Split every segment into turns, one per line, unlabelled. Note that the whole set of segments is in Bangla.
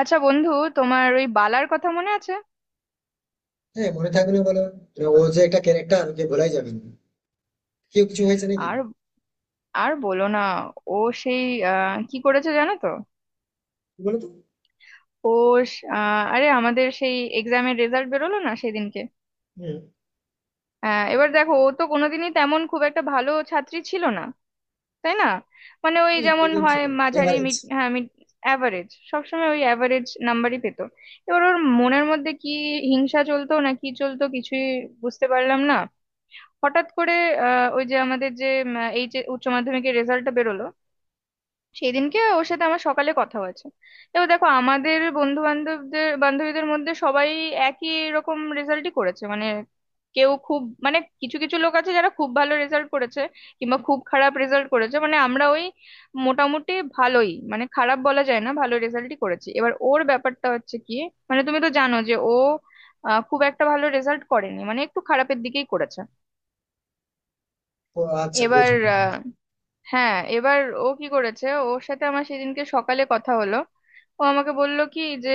আচ্ছা বন্ধু, তোমার ওই বালার কথা মনে আছে?
হ্যাঁ, মনে থাকবে না বলো? মানে ও যে একটা ক্যারেক্টার, ওকে ভোলাই যাবে না। কেউ কিছু হয়েছে নাকি?
আর আর বলো না। ও সেই কি করেছে জানো তো?
কি বলতো?
ও আরে, আমাদের সেই এক্সামের রেজাল্ট বেরোলো না সেদিনকে?
হ্যাঁ,
এবার দেখো, ও তো কোনোদিনই তেমন খুব একটা ভালো ছাত্রী ছিল না, তাই না? মানে ওই যেমন
মিডিয়াম
হয়
ছিল,
মাঝারি,
এভারেজ।
মিড, হ্যাঁ মিড। অ্যাভারেজ, সবসময় ওই অ্যাভারেজ নাম্বারই পেতো। এবার ওর মনের মধ্যে কি হিংসা চলতো না কি চলতো কিছুই বুঝতে পারলাম না। হঠাৎ করে ওই যে আমাদের যে এইচ উচ্চ মাধ্যমিকের রেজাল্টটা বেরোলো, সেই দিনকে ওর সাথে আমার সকালে কথা হয়েছে। এবার দেখো, আমাদের বন্ধু বান্ধবদের বান্ধবীদের মধ্যে সবাই একই রকম রেজাল্টই করেছে, মানে কেউ খুব, মানে কিছু কিছু লোক আছে যারা খুব ভালো রেজাল্ট করেছে কিংবা খুব খারাপ রেজাল্ট করেছে, মানে আমরা ওই মোটামুটি ভালোই, মানে খারাপ বলা যায় না, ভালো রেজাল্টই করেছি। এবার ওর ব্যাপারটা হচ্ছে কি, মানে তুমি তো জানো যে ও খুব একটা ভালো রেজাল্ট করেনি, মানে একটু খারাপের দিকেই করেছে।
ও আচ্ছা,
এবার
বুঝলি।
আহ, হ্যাঁ, এবার ও কি করেছে, ওর সাথে আমার সেদিনকে সকালে কথা হলো। ও আমাকে বলল কি যে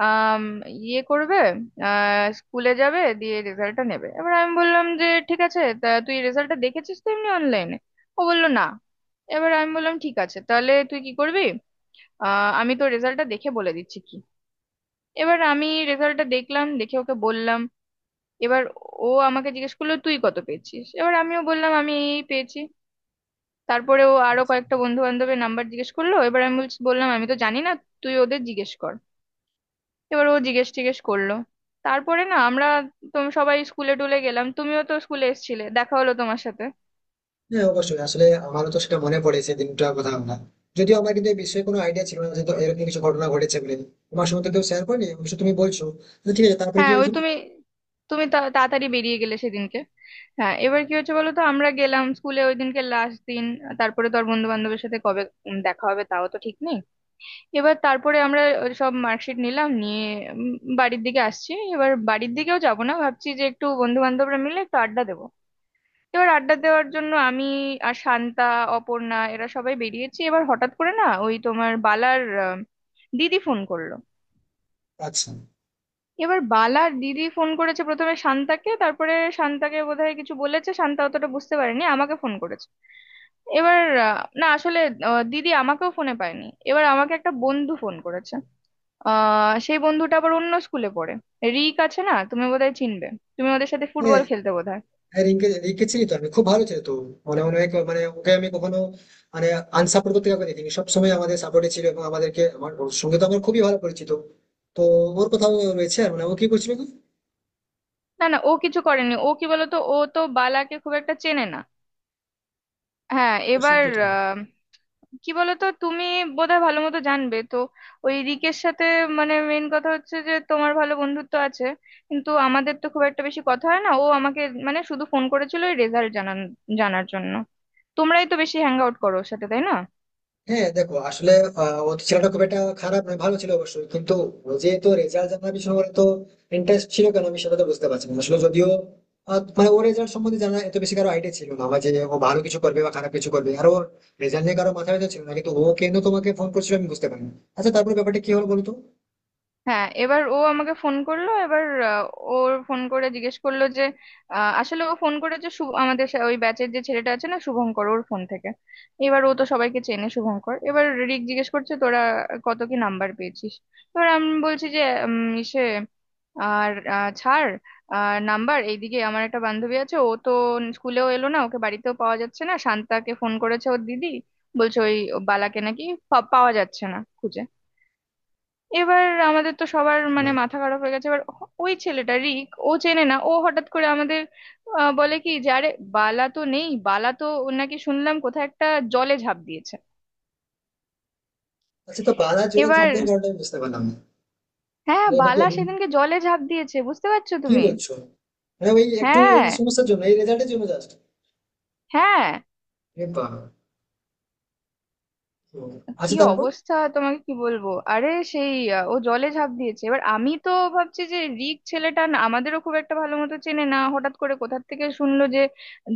আম, ইয়ে করবে, স্কুলে যাবে দিয়ে রেজাল্টটা নেবে। এবার আমি বললাম যে ঠিক আছে, তা তুই রেজাল্টটা দেখেছিস তো এমনি অনলাইনে? ও বলল না। এবার আমি বললাম ঠিক আছে, তাহলে তুই কি করবি? আমি তো রেজাল্টটা দেখে বলে দিচ্ছি কি। এবার আমি রেজাল্টটা দেখলাম, দেখে ওকে বললাম। এবার ও আমাকে জিজ্ঞেস করলো তুই কত পেয়েছিস, এবার আমিও বললাম আমি এই পেয়েছি। তারপরে ও আরো
আচ্ছা।
কয়েকটা বন্ধু বান্ধবের নাম্বার জিজ্ঞেস করলো, এবার আমি বললাম আমি তো জানি না, তুই ওদের জিজ্ঞেস কর। এবার ও জিজ্ঞেস টিজ্ঞেস করলো, তারপরে না আমরা তুমি সবাই স্কুলে টুলে গেলাম, তুমিও তো স্কুলে এসেছিলে, দেখা হলো তোমার সাথে।
হ্যাঁ অবশ্যই, আসলে আমারও তো সেটা মনে পড়ে সেই দিনটার কথা। আমরা, যদিও আমার কিন্তু এই বিষয়ে কোনো আইডিয়া ছিল না যে তো এরকম কিছু ঘটনা ঘটেছে বলে। তোমার সঙ্গে তো কেউ শেয়ার করেনি, অবশ্য তুমি বলছো। তো ঠিক আছে, তারপরে কি
হ্যাঁ, ওই
হয়েছিল?
তুমি তুমি তা- তাড়াতাড়ি বেরিয়ে গেলে সেদিনকে। হ্যাঁ, এবার কি হচ্ছে বলো তো, আমরা গেলাম স্কুলে, ওই দিনকে লাস্ট দিন। তারপরে তো আর বন্ধু বান্ধবের সাথে কবে দেখা হবে তাও তো ঠিক নেই। এবার তারপরে আমরা সব মার্কশিট নিলাম, নিয়ে উম বাড়ির দিকে আসছি। এবার বাড়ির দিকেও যাব না, ভাবছি যে একটু বন্ধু বান্ধবরা মিলে একটু আড্ডা দেবো। এবার আড্ডা দেওয়ার জন্য আমি আর শান্তা, অপর্ণা, এরা সবাই বেরিয়েছি। এবার হঠাৎ করে না, ওই তোমার বালার দিদি ফোন করলো।
আচ্ছা।
এবার বালার দিদি ফোন করেছে প্রথমে শান্তাকে, তারপরে শান্তাকে বোধহয় কিছু বলেছে, শান্তা অতটা বুঝতে পারেনি, আমাকে ফোন করেছে। এবার না আসলে দিদি আমাকেও ফোনে পায়নি, এবার আমাকে একটা বন্ধু ফোন করেছে। সেই বন্ধুটা আবার অন্য স্কুলে পড়ে, রিক আছে না, তুমি বোধহয় চিনবে, তুমি ওদের সাথে ফুটবল
হ্যাঁ,
খেলতে বোধহয়।
হ্যাঁ রিঙ্কি রিঙ্কি চিনি তো আমি, খুব ভালো ছিল তো। মনে মনে হয় মানে ওকে আমি কখনো, মানে আনসাপোর্ট করতে কাউকে দেখিনি, সবসময় আমাদের সাপোর্টে ছিল এবং আমাদেরকে আমার, ওর সঙ্গে তো আমার খুবই ভালো পরিচিত। তো ওর কোথাও রয়েছে আর, মানে ও কি করছিল কি?
না না, ও কিছু করেনি, ও কি বলতো ও তো বালাকে খুব একটা চেনে না। হ্যাঁ,
ও
এবার
শিল্পী।
আহ, কি বলতো, তুমি বোধহয় ভালো মতো জানবে তো ওই রিকের সাথে, মানে মেন কথা হচ্ছে যে তোমার ভালো বন্ধুত্ব আছে, কিন্তু আমাদের তো খুব একটা বেশি কথা হয় না। ও আমাকে মানে শুধু ফোন করেছিল ওই রেজাল্ট জানান জানার জন্য। তোমরাই তো বেশি হ্যাং আউট করো ওর সাথে, তাই না?
হ্যাঁ দেখো, আসলে ও তো ছেলেটা খুব একটা খারাপ নয়, ভালো ছিল অবশ্যই, কিন্তু ও যে তো রেজাল্ট জানার পিছনে ওর তো ইন্টারেস্ট ছিল কেন, আমি সেটা তো বুঝতে পারছি না আসলে। যদিও মানে ওর রেজাল্ট সম্বন্ধে জানা, এত বেশি কারো আইডিয়া ছিল না আমার, যে ও ভালো কিছু করবে বা খারাপ কিছু করবে। আর ওর রেজাল্ট নিয়ে কারো মাথায় ব্যথা ছিল না, কিন্তু ও কেন তোমাকে ফোন করছিল আমি বুঝতে পারিনি। আচ্ছা, তারপরে ব্যাপারটা কি হলো বলতো?
হ্যাঁ, এবার ও আমাকে ফোন করলো, এবার আহ, ওর ফোন করে জিজ্ঞেস করলো যে আসলে ও ফোন করেছে শুভ, আমাদের ওই ব্যাচের যে ছেলেটা আছে না শুভঙ্কর, ওর ফোন থেকে। এবার ও তো সবাইকে চেনে শুভঙ্কর। এবার রিক জিজ্ঞেস করছে তোরা কত কি নাম্বার পেয়েছিস। এবার আমি বলছি যে ইসে, আর ছাড় নাম্বার, এইদিকে আমার একটা বান্ধবী আছে ও তো স্কুলেও এলো না, ওকে বাড়িতেও পাওয়া যাচ্ছে না, শান্তাকে ফোন করেছে ওর দিদি, বলছে ওই বালাকে নাকি পাওয়া যাচ্ছে না খুঁজে। এবার আমাদের তো সবার মানে মাথা খারাপ হয়ে গেছে। এবার ওই ছেলেটা রিক ও চেনে না, ও হঠাৎ করে আমাদের বলে কি যে আরে বালা তো নেই, বালা তো ও নাকি শুনলাম কোথায় একটা জলে ঝাঁপ দিয়েছে।
আচ্ছা, তো পাড়া জলে
এবার
ঝাঁপটাই কারণটা আমি বুঝতে পারলাম না।
হ্যাঁ,
মানে এটা কি
বালা
আমি,
সেদিনকে জলে ঝাঁপ দিয়েছে বুঝতে পারছো
কি
তুমি?
বলছো? মানে ওই একটু এই
হ্যাঁ,
সমস্যার জন্য, এই রেজাল্টের জন্য জাস্ট?
হ্যাঁ। কি
আচ্ছা তারপর?
অবস্থা তোমাকে কি বলবো, আরে সেই ও জলে ঝাঁপ দিয়েছে। এবার আমি তো ভাবছি যে রিক ছেলেটা না আমাদেরও খুব একটা ভালো মতো চেনে না, হঠাৎ করে কোথা থেকে শুনলো যে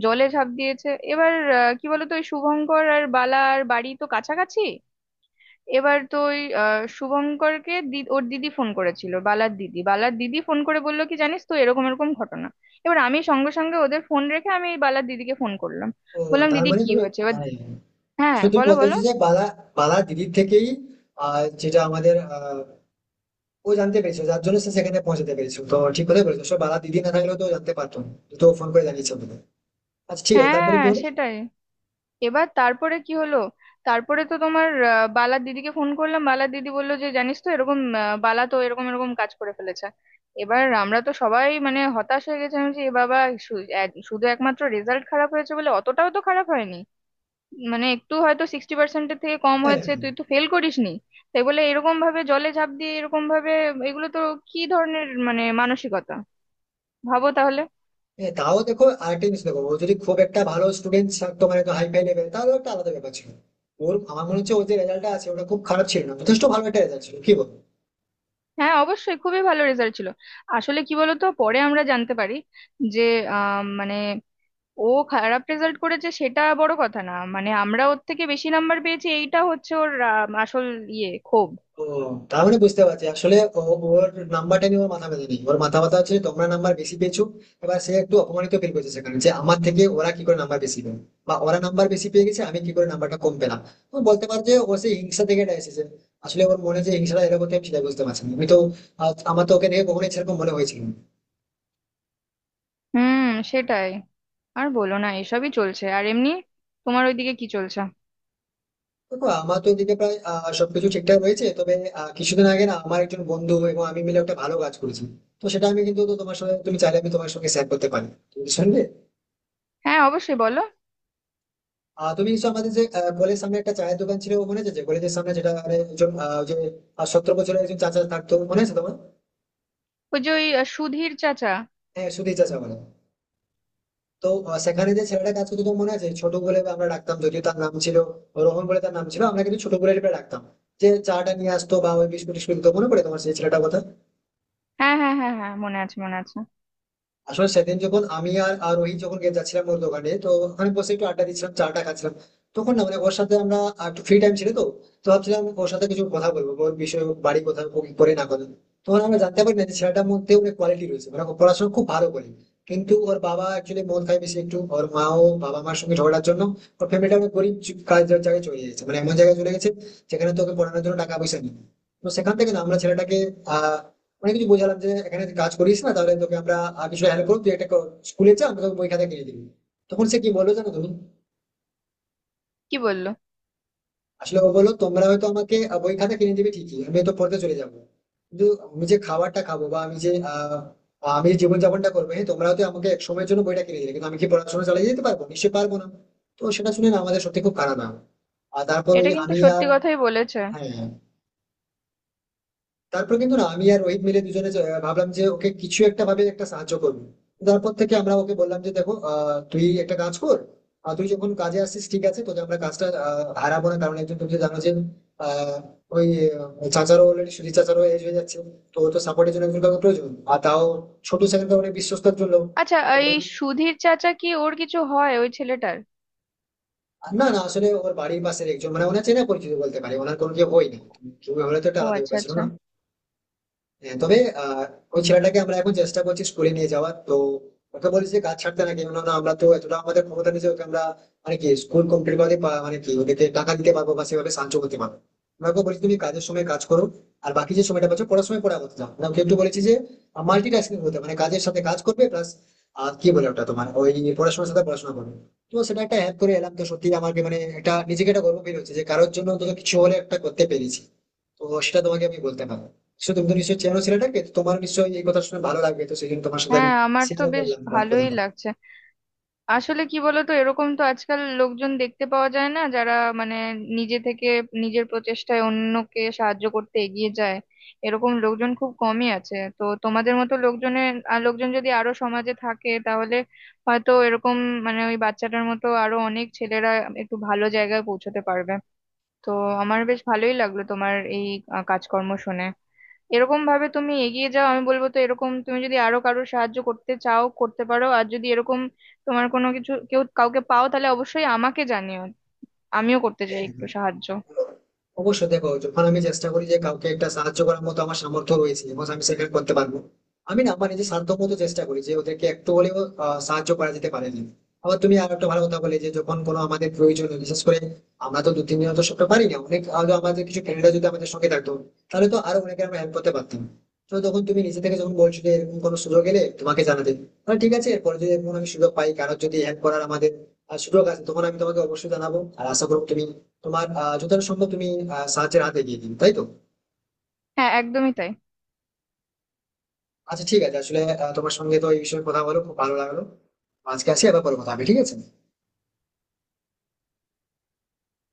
জলে ঝাঁপ দিয়েছে। এবার কি বলতো, ওই শুভঙ্কর আর বালা আর বাড়ি তো কাছাকাছি। এবার তো ওই শুভঙ্করকে দি ওর দিদি ফোন করেছিল বালার দিদি, ফোন করে বললো কি, জানিস তো এরকম এরকম ঘটনা। এবার আমি সঙ্গে সঙ্গে ওদের ফোন রেখে আমি বালার দিদিকে ফোন করলাম।
ও
বললাম
তার
দিদি
মানে
কি
তুমি,
হয়েছে? এবার
হ্যাঁ
হ্যাঁ
শুধু
বলো
বলতে
বলো।
চাইছি যে বালা, বালা দিদির থেকেই, যেটা আমাদের, ও জানতে পেরেছে, যার জন্য সে সেখানে পৌঁছাতে পেরেছে। তো ঠিক কথাই বলেছো সব, বালা দিদি না থাকলেও তো ও জানতে পারতো না। তো ফোন করে জানিয়েছে আমাকে। আচ্ছা ঠিক আছে, তারপরে
হ্যাঁ,
কি হলো?
সেটাই। এবার তারপরে কি হলো? তারপরে তো তোমার বালার দিদিকে ফোন করলাম, বালার দিদি বললো যে জানিস তো এরকম বালা তো এরকম এরকম কাজ করে ফেলেছে। এবার আমরা তো সবাই মানে হতাশ হয়ে গেছিলাম যে এ বাবা, শুধু একমাত্র রেজাল্ট খারাপ হয়েছে বলে অতটাও তো খারাপ হয়নি, মানে একটু হয়তো 60%-এর থেকে কম
হ্যাঁ।
হয়েছে, তুই তো ফেল করিসনি। তাই বলে এরকম ভাবে জলে ঝাঁপ দিয়ে এরকম ভাবে, এগুলো তো কি ধরনের মানে মানসিকতা, ভাবো তাহলে।
হ্যাঁ, তাও দেখো আরেকটা জিনিস দেখো, ও যদি খুব একটা ভালো স্টুডেন্ট থাকতো, মানে হাই ফাই লেভেল, তাহলে একটা আলাদা ব্যাপার ছিল। ওর, আমার মনে হচ্ছে ওর যে রেজাল্টটা আছে ওটা খুব খারাপ ছিল না, যথেষ্ট ভালো একটা রেজাল্ট ছিল, কি বল?
হ্যাঁ, অবশ্যই খুবই ভালো রেজাল্ট ছিল। আসলে কি বলতো পরে আমরা জানতে পারি যে মানে ও খারাপ রেজাল্ট করেছে সেটা বড় কথা না, মানে আমরা ওর থেকে বেশি নাম্বার পেয়েছি এইটা হচ্ছে ওর আসল ইয়ে, ক্ষোভ।
ও তাহলে বুঝতে পারছি, আসলে ও, ওর নাম্বারটা নিয়ে ওর মাথা ব্যথা নেই, ওর মাথা ব্যথা হচ্ছে তোমরা নাম্বার বেশি পেয়েছো। এবার সে একটু অপমানিত ফিল করছে সেখানে, যে আমার থেকে ওরা কি করে নাম্বার বেশি পেল, বা ওরা নাম্বার বেশি পেয়ে গেছে আমি কি করে নাম্বারটা কম পেলাম। ও, বলতে পারো যে ও সেই হিংসা থেকে এটা এসেছে। আসলে ওর মনে যে হিংসাটা এরকম হচ্ছে, আমি সেটা বুঝতে পারছি না, আমি তো আমার তো ওকে দেখে কখনোই সেরকম মনে হয়েছিল না।
হুম সেটাই। আর বলো না, এসবই চলছে। আর এমনি তোমার ওইদিকে কি চলছে?
দেখো আমার তো এদিকে প্রায় সবকিছু ঠিকঠাক রয়েছে, তবে কিছুদিন আগে না আমার একজন বন্ধু এবং আমি মিলে একটা ভালো কাজ করেছি। তো সেটা আমি কিন্তু, তো তোমার সঙ্গে, তুমি চাইলে আমি তোমার সঙ্গে শেয়ার করতে পারি, তুমি শুনবে?
হ্যাঁ, অবশ্যই বলো।
তুমি নিশ্চয় আমাদের যে কলেজের সামনে একটা চায়ের দোকান ছিল মনে আছে, যে কলেজের সামনে যেটা, মানে একজন যে 17 বছরের একজন চাচা থাকতো, মনে আছে তোমার?
ওই যে ওই সুধীর চাচা।
হ্যাঁ সুধীর চাচা বলে। তো সেখানে যে ছেলেটা কাজ করতো তোমার মনে আছে, ছোট বলে আমরা ডাকতাম, যদিও তার নাম ছিল রোহন বলে তার নাম ছিল, আমরা কিন্তু ছোট বলে ডাকতাম। যে চাটা নিয়ে আসতো বা ওই বিস্কুট টিস্কুট দিতো, মনে পড়ে তোমার সেই ছেলেটার কথা?
হ্যাঁ হ্যাঁ হ্যাঁ হ্যাঁ, মনে আছে মনে আছে।
আসলে সেদিন যখন আমি আর আর রোহিত যখন যাচ্ছিলাম ওর দোকানে, তো ওখানে বসে একটু আড্ডা দিচ্ছিলাম, চাটা খাচ্ছিলাম, তখন না মানে ওর সাথে আমরা, আর একটু ফ্রি টাইম ছিল তো, তো ভাবছিলাম ওর সাথে কিছু কথা বলবো ওর বিষয়ে, ওর বাড়ি কোথায়, ও কি করে না করে। তখন আমরা জানতে পারি না যে ছেলেটার মধ্যে অনেক কোয়ালিটি রয়েছে, মানে ও পড়াশোনা খুব ভালো করে, কিন্তু ওর বাবা অ্যাকচুয়ালি মন খায় বেশি একটু, ওর মা ও বাবা মার সঙ্গে ঝগড়ার জন্য ওর ফ্যামিলিটা অনেক গরিব কাজ জায়গায় চলে গেছে, মানে এমন জায়গায় চলে গেছে যেখানে তোকে পড়ানোর জন্য টাকা পয়সা নেই। তো সেখান থেকে না আমরা ছেলেটাকে আহ অনেক কিছু বোঝালাম, যে এখানে তুই কাজ করিস না তাহলে তোকে আমরা কিছু হেল্প করবো, তুই একটা স্কুলে যা, আমরা তোকে বই খাতা কিনে দিবি। তখন সে কি বললো জানো তুমি?
কি বললো?
আসলে ও বললো তোমরা হয়তো আমাকে বই খাতা কিনে দিবে ঠিকই, আমি তো পড়তে চলে যাবো, কিন্তু আমি যে খাবারটা খাবো, বা আমি যে আমি যে জীবনযাপনটা করবো, হ্যাঁ তোমরা হয়তো আমাকে এক সময়ের জন্য বইটা কিনে দিলে, কিন্তু আমি কি পড়াশোনা চালিয়ে যেতে পারবো? নিশ্চয়ই পারবো না। তো সেটা শুনে না আমাদের সত্যি খুব খারাপ, না আর তারপর
এটা
ওই
কিন্তু
আমি
সত্যি
আর,
কথাই বলেছে।
হ্যাঁ তারপর কিন্তু না আমি আর রোহিত মিলে দুজনে ভাবলাম যে ওকে কিছু একটা ভাবে একটা সাহায্য করবো। তারপর থেকে আমরা ওকে বললাম যে দেখো তুই একটা কাজ কর, আর তুই যখন কাজে আসছিস ঠিক আছে, তোকে আমরা কাজটা হারাবো না, কারণ একজন তুমি তো জানো যে আহ, ওই চাচারও অলরেডি, সুধীর চাচারও এজ হয়ে যাচ্ছে, তো ওর তো সাপোর্টের জন্য একজন কাউকে প্রয়োজন, আর তাও ছোট সেখানে অনেক বিশ্বস্তর জন্য।
আচ্ছা,
তো
এই
বললাম,
সুধীর চাচা কি ওর কিছু হয় ওই ছেলেটার?
আর না না আসলে ওর বাড়ির পাশের একজন, মানে ওনার চেনা পরিচিত বলতে পারে, ওনার কোনো কেউ হয় না, তুমি হলে তো একটা
ও
আলাদা
আচ্ছা
ব্যাপার ছিল,
আচ্ছা।
না। হ্যাঁ, তবে আহ ওই ছেলেটাকে আমরা এখন চেষ্টা করছি স্কুলে নিয়ে যাওয়ার। তো ওকে বলেছি যে কাজ ছাড়তে, না কেন না আমরা তো এতটা আমাদের ক্ষমতা নেই যে ওকে আমরা, মানে কি স্কুল কমপ্লিট করে মানে কি ওদেরকে টাকা দিতে পারবো বা সেভাবে সাহায্য করতে পারবো। আমরা ওকে বলেছি তুমি কাজের সময় কাজ করো, আর বাকি যে সময়টা পাচ্ছ পড়ার সময় পড়া করতে যাও না, ওকে একটু বলেছি যে মাল্টিটাস্কিং হতে, মানে কাজের সাথে কাজ করবে প্লাস আর কি বলে ওটা তোমার ওই পড়াশোনার সাথে পড়াশোনা করবে। তো সেটা একটা হেল্প করে এলাম, তো সত্যি আমাকে মানে একটা নিজেকে একটা গর্ব ফিল হচ্ছে যে কারোর জন্য অন্তত কিছু হলে একটা করতে পেরেছি। তো সেটা তোমাকে আমি বলতে পারবো, সে তুমি তো নিশ্চয়ই চেনো ছেলেটাকে, তো তোমার নিশ্চয়ই এই কথা শুনে ভালো লাগবে, তো সেই জন্য তোমার সাথে আমি
হ্যাঁ, আমার তো
শেয়ারও
বেশ
করলাম তোমার
ভালোই
কথাটা।
লাগছে। আসলে কি বলতো, এরকম তো আজকাল লোকজন দেখতে পাওয়া যায় না যারা মানে নিজে থেকে নিজের প্রচেষ্টায় অন্যকে সাহায্য করতে এগিয়ে যায়। এরকম লোকজন খুব কমই আছে, তো তোমাদের মতো লোকজনের আর লোকজন যদি আরো সমাজে থাকে, তাহলে হয়তো এরকম, মানে ওই বাচ্চাটার মতো আরো অনেক ছেলেরা একটু ভালো জায়গায় পৌঁছতে পারবে। তো আমার বেশ ভালোই লাগলো তোমার এই কাজকর্ম শুনে। এরকম ভাবে তুমি এগিয়ে যাও, আমি বলবো তো এরকম তুমি যদি আরো কারোর সাহায্য করতে চাও করতে পারো, আর যদি এরকম তোমার কোনো কিছু কেউ কাউকে পাও তাহলে অবশ্যই আমাকে জানিও। আমিও করতে চাই
হ্যাঁ
একটু সাহায্য।
অবশ্যই, দেখো যখন আমি চেষ্টা করি যে কাউকে একটা সাহায্য করার মতো আমার সামর্থ্য রয়েছে এবং আমি সেটা করতে পারবো, আমি না আমার নিজের সাধ্য মতো চেষ্টা করি যে ওদেরকে একটু হলেও সাহায্য করা যেতে পারে না। আবার তুমি আর একটা ভালো কথা বলে যে যখন কোনো আমাদের প্রয়োজন হয়, বিশেষ করে আমরা তো দু তিন দিন তো সবটা পারি না, অনেক হলো আমাদের কিছু ফ্রেন্ডরা যদি আমাদের সঙ্গে থাকতো তাহলে তো আরো অনেকে আমরা হেল্প করতে পারতাম। তো তখন তুমি নিজে থেকে যখন বলছো যে এরকম কোনো সুযোগ এলে তোমাকে জানাতে, তাহলে ঠিক আছে এরপরে যদি এরকম আমি সুযোগ পাই কারোর যদি হেল্প করার আমাদের সুযোগ আছে, তখন আমি তোমাকে অবশ্যই জানাবো, আর আশা করবো তুমি তোমার যতটা সম্ভব তুমি সাহায্যের হাতে এগিয়ে দিন, তাই তো।
হ্যাঁ, একদমই তাই।
আচ্ছা ঠিক আছে, আসলে তোমার সঙ্গে তো এই বিষয়ে কথা বলে খুব ভালো লাগলো। আজকে আসি, আবার পরে কথা হবে ঠিক আছে?